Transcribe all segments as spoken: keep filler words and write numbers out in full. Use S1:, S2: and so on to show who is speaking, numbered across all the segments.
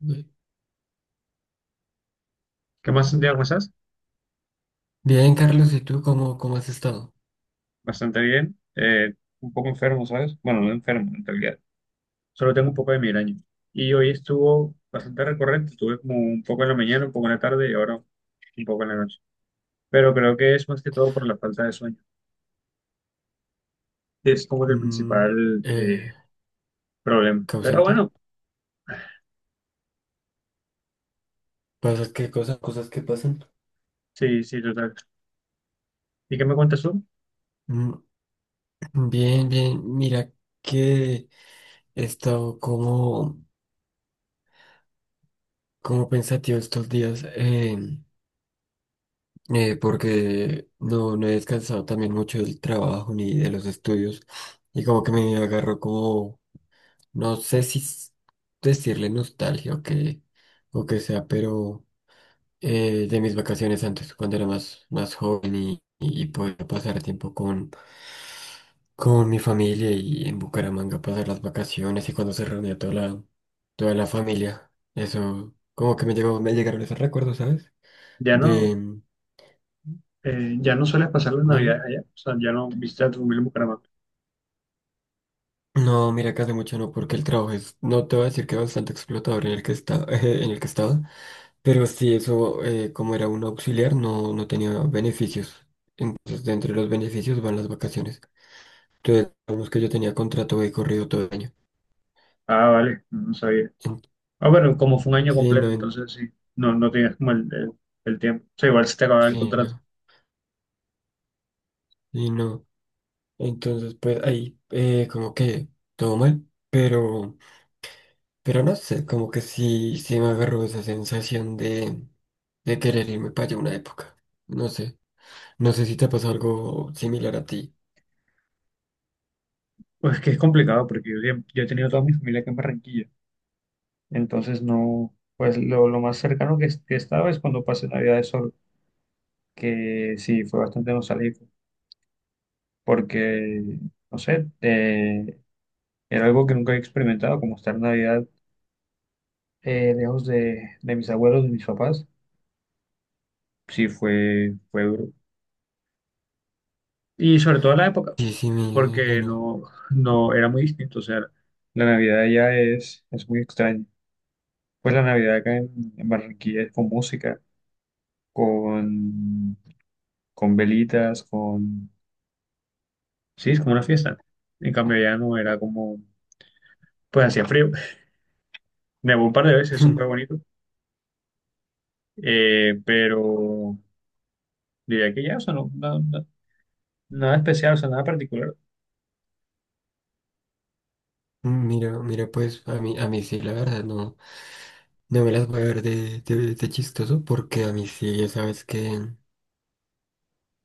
S1: Bien.
S2: ¿Qué más, Santiago? ¿Cómo estás?
S1: Bien, Carlos, ¿y tú cómo, cómo has estado?
S2: Bastante bien. Eh, un poco enfermo, ¿sabes? Bueno, no enfermo, en realidad. Solo tengo un poco de migraña. Y hoy estuvo bastante recurrente. Estuve como un poco en la mañana, un poco en la tarde y ahora un poco en la noche. Pero creo que es más que todo por la falta de sueño. Es como que el
S1: Mm,
S2: principal eh,
S1: eh,
S2: problema. Pero
S1: ¿causante?
S2: bueno,
S1: ¿Pasas qué cosas? ¿Cosas que pasan?
S2: sí, sí, total. ¿Y qué me cuentas tú?
S1: Mm, Bien, bien. Mira que he estado como, como pensativo estos días, eh, eh, porque no, no he descansado también mucho del trabajo ni de los estudios, y como que me agarró como, no sé si s- decirle nostalgia o que, o que sea, pero, eh, de mis vacaciones antes, cuando era más, más joven, y, y podía pasar tiempo con, con mi familia y en Bucaramanga pasar las vacaciones, y cuando se reunía toda la, toda la familia. Eso, como que me llegó, me llegaron esos recuerdos, ¿sabes?
S2: Ya no,
S1: De,
S2: eh, ya no sueles pasar las navidades
S1: dime.
S2: allá. O sea, ya no visitas a tu familia en Bucaramanga.
S1: No, mira que hace mucho no, porque el trabajo es, no te voy a decir que bastante explotador en el que está, en el que estaba, pero sí eso, eh, como era un auxiliar, no, no tenía beneficios. Entonces, dentro de los beneficios van las vacaciones. Entonces, digamos que yo tenía contrato de corrido todo el año.
S2: Ah, vale, no sabía.
S1: En-
S2: Ah, bueno, como fue un año
S1: sí, no.
S2: completo,
S1: En-
S2: entonces sí, no, no tienes como el, el- el tiempo. O sea, igual se te acaba el
S1: sí,
S2: contrato.
S1: no. Sí, no. Entonces, pues ahí, eh, como que todo mal, pero, pero, no sé, como que sí, sí me agarró esa sensación de, de querer irme para allá una época. No sé, no sé si te pasó algo similar a ti.
S2: Pues es que es complicado porque yo, siem- yo he tenido toda mi familia aquí en Barranquilla. Entonces no, pues lo, lo más cercano que, que estaba es cuando pasé Navidad solo, que sí, fue bastante nostálgico porque, no sé, eh, era algo que nunca había experimentado, como estar Navidad eh, lejos de, de mis abuelos, de mis papás. Sí, fue, fue duro. Y sobre todo en la época,
S1: Sí, sí, me
S2: porque
S1: imagino.
S2: no, no era muy distinto. O sea, la Navidad ya es, es muy extraña. Pues la Navidad acá en, en Barranquilla es con música, con, con velitas, con... Sí, es como una fiesta. En cambio allá no era como... Pues hacía frío. Nevó un par de veces, eso fue bonito. Eh, pero diría que ya, o sea, no, no- no- nada especial, o sea, nada particular.
S1: Mira, mira, pues a mí, a mí sí, la verdad, no, no me las voy a ver de, de, de chistoso porque a mí sí, ya sabes que.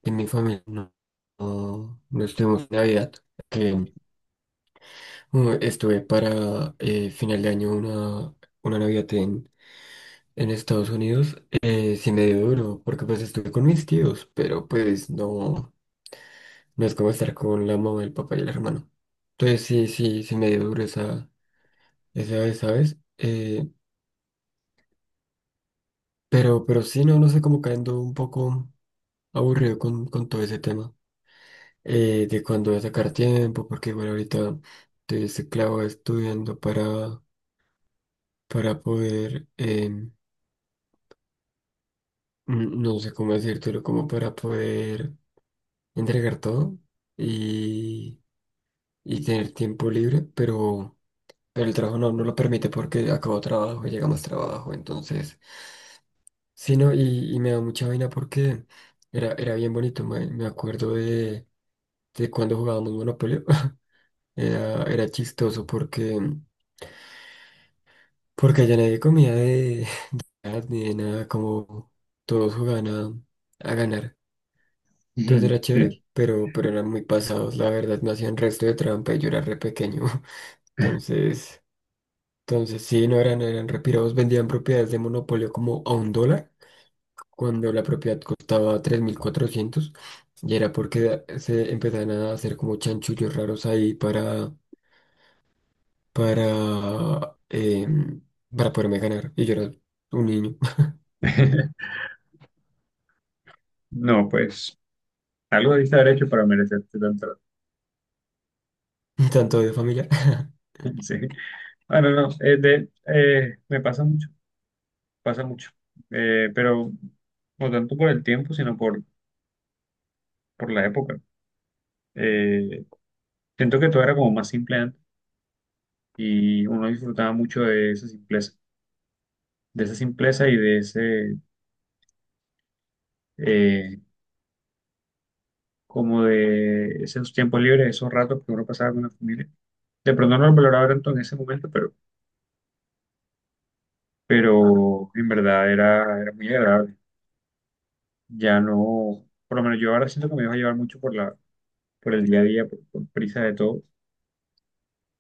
S1: En mi familia no, no, no estuvimos en Navidad. que, mm, Estuve para eh, final de año una, una Navidad en, en Estados Unidos. Eh, sí me dio duro porque pues estuve con mis tíos, pero pues no, no es como estar con la mamá, el papá y el hermano. Entonces sí, sí, sí me dio duro esa, esa vez, ¿sabes? Eh, pero, pero sí, no, no sé, como cayendo un poco aburrido con, con todo ese tema. eh, de cuándo voy a sacar tiempo, porque bueno, ahorita estoy este clavo estudiando para, para poder, em, n- no sé cómo decírtelo, como para poder entregar todo y, y tener tiempo libre, pero, pero, el trabajo no, no lo permite porque acabo trabajo y llega más trabajo, entonces, sí, no, y, y me da mucha vaina porque era, era bien bonito, me, me acuerdo de, de cuando jugábamos Monopoly. Era, era chistoso porque Porque allá nadie comía de ni de nada, como todos jugaban a, a ganar. Entonces
S2: Ujú,
S1: era chévere,
S2: sí.
S1: pero, pero eran muy pasados, la verdad, no hacían resto de trampa y yo era re pequeño. Entonces, entonces sí, no eran, no eran retirados, vendían propiedades de monopolio como a un dólar, cuando la propiedad costaba tres mil cuatrocientos y era porque se empezaban a hacer como chanchullos raros ahí para, para, em, para poderme ganar. Y yo era un niño.
S2: No, pues algo debiste haber hecho para merecerte tanto.
S1: tanto de familia
S2: Sí. Ah, no, no, eh, de- eh, me pasa mucho, pasa mucho. Eh, pero no tanto por el tiempo, sino por, por la época. Eh, Siento que todo era como más simple antes y uno disfrutaba mucho de esa simpleza, de esa simpleza y de ese, eh, como de esos tiempos libres, esos ratos que uno pasaba con la familia. De pronto no lo valoraba tanto en ese momento, pero, pero en verdad era, era muy agradable. Ya no, por lo menos yo ahora siento que me dejo llevar mucho por la por el día a día, por, por prisa de todo.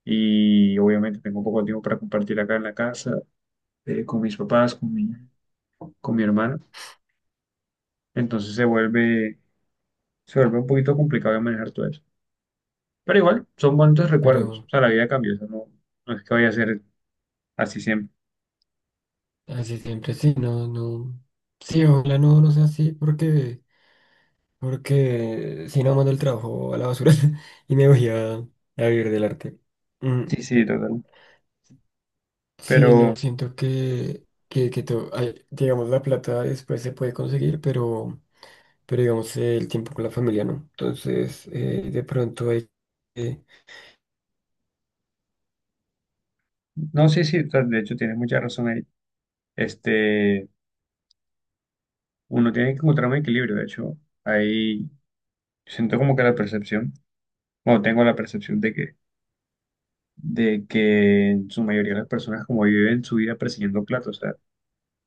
S2: Y obviamente tengo poco tiempo para compartir acá en la casa, eh, con mis papás, con mi, con mi hermana. Entonces se vuelve, se vuelve un poquito complicado de manejar todo eso. Pero igual, son bonitos recuerdos. O
S1: Pero
S2: sea, la vida cambia, o sea, no, no es que vaya a ser así siempre.
S1: así siempre sí, no, no. Sí, ojalá no, no sea así, porque, porque, si no mando el trabajo a la basura y me voy a, a vivir del arte. Mm,
S2: Sí, sí, total.
S1: sí, no,
S2: Pero,
S1: siento que, que, que to- ay, digamos, la plata después se puede conseguir, pero, pero digamos, eh, el tiempo con la familia no. Entonces, eh, de pronto hay que,
S2: no, sí, sí, total, de hecho tienes mucha razón ahí. Este, uno tiene que encontrar un equilibrio, de hecho, ahí siento como que la percepción, bueno, tengo la percepción de que de que en su mayoría las personas como viven su vida persiguiendo plata, o sea,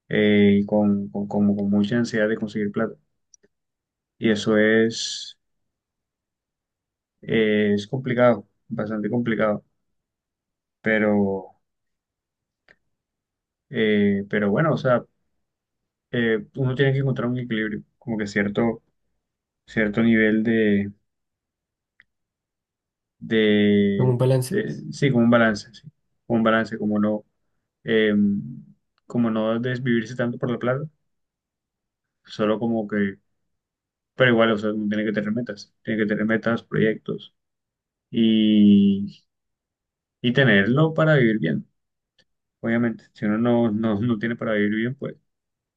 S2: eh, y con, con, como con mucha ansiedad de conseguir plata. Y eso es, eh, es complicado, bastante complicado, pero, eh, pero bueno, o sea, eh, uno tiene que encontrar un equilibrio, como que cierto, cierto nivel de,
S1: como
S2: de,
S1: un balance.
S2: de- sí, como un balance, sí, como un balance, como no, em, como no desvivirse tanto por la plata, solo como que pero igual, o sea, uno tiene que tener metas, tiene que tener metas, proyectos y, y tenerlo para vivir bien, obviamente. Si uno no, no, no tiene para vivir bien, pues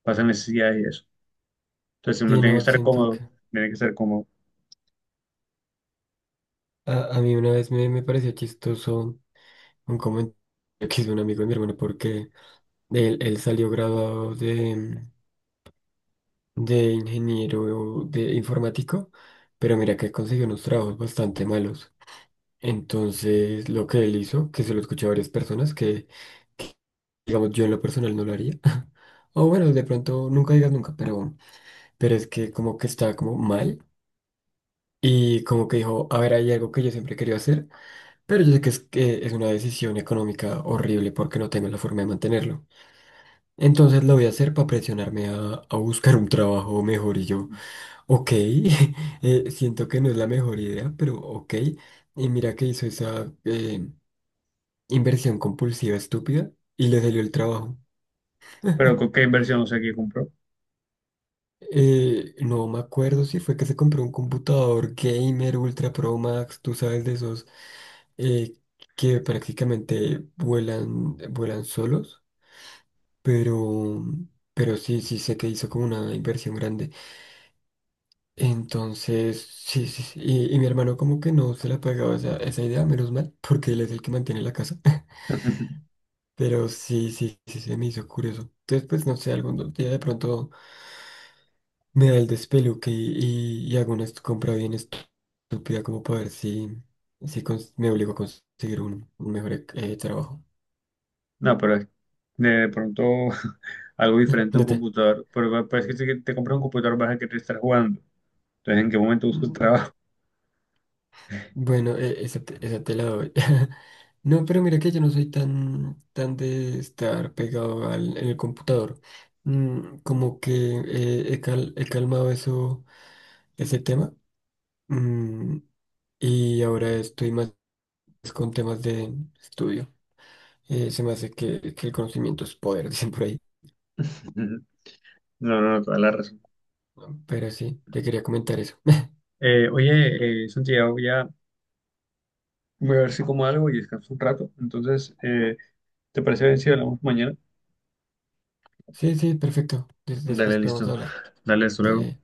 S2: pasa necesidades y eso. Entonces si uno
S1: Sí,
S2: tiene que
S1: no,
S2: estar
S1: siento
S2: cómodo,
S1: que
S2: tiene que estar cómodo.
S1: a, a mí una vez me, me pareció chistoso un comentario que hizo un amigo de mi hermano porque él, él salió graduado de, de ingeniero de informático, pero mira que consiguió unos trabajos bastante malos. Entonces, lo que él hizo, que se lo escuché a varias personas, que digamos yo en lo personal no lo haría. O bueno, de pronto nunca digas nunca, pero, bueno, pero es que como que está como mal. Y como que dijo, a ver, hay algo que yo siempre quería hacer, pero yo sé que es, que es una decisión económica horrible porque no tengo la forma de mantenerlo. Entonces lo voy a hacer para presionarme a, a buscar un trabajo mejor y yo, ok, eh, siento que no es la mejor idea, pero ok. Y mira que hizo esa eh, inversión compulsiva estúpida y le salió el trabajo.
S2: Pero ¿con qué inversión no sé qué compró?
S1: Eh, no me acuerdo si fue que se compró un computador gamer Ultra Pro Max, tú sabes de esos, eh, que prácticamente vuelan, vuelan solos, pero, pero, sí, sí sé que hizo como una inversión grande. Entonces, sí, sí, sí. Y, y mi hermano como que no se le ha pegado esa, esa idea, menos mal, porque él es el que mantiene la casa. Pero sí, sí, sí, se me hizo curioso. Entonces, pues no sé, algún día de pronto me da el despeluque y, y, y hago una est- compra bien estúpida como para ver si, si cons- me obligo a conseguir un, un mejor eh, trabajo.
S2: No, pero es- de, de pronto algo diferente a un
S1: No te.
S2: computador. Pero parece que si te compras un computador vas a querer estar jugando. Entonces, ¿en qué momento buscas trabajo?
S1: Bueno, e- esa te, esa te la doy. No, pero mira que yo no soy tan, tan de estar pegado al, en el computador. Mm, como que eh, he, cal- he calmado eso, ese tema. Mm, y ahora estoy más con temas de estudio. Eh, se me hace que, que el conocimiento es poder, dicen por ahí.
S2: No, no, no, toda la razón.
S1: Pero sí, te quería comentar eso.
S2: Eh, oye, eh, Santiago, ya voy a ver si como algo y descanso un rato. Entonces, eh, ¿te parece bien si hablamos mañana?
S1: Sí, sí, perfecto. Des- después
S2: Dale,
S1: podemos
S2: listo.
S1: hablar.
S2: Dale, hasta luego.
S1: Dale.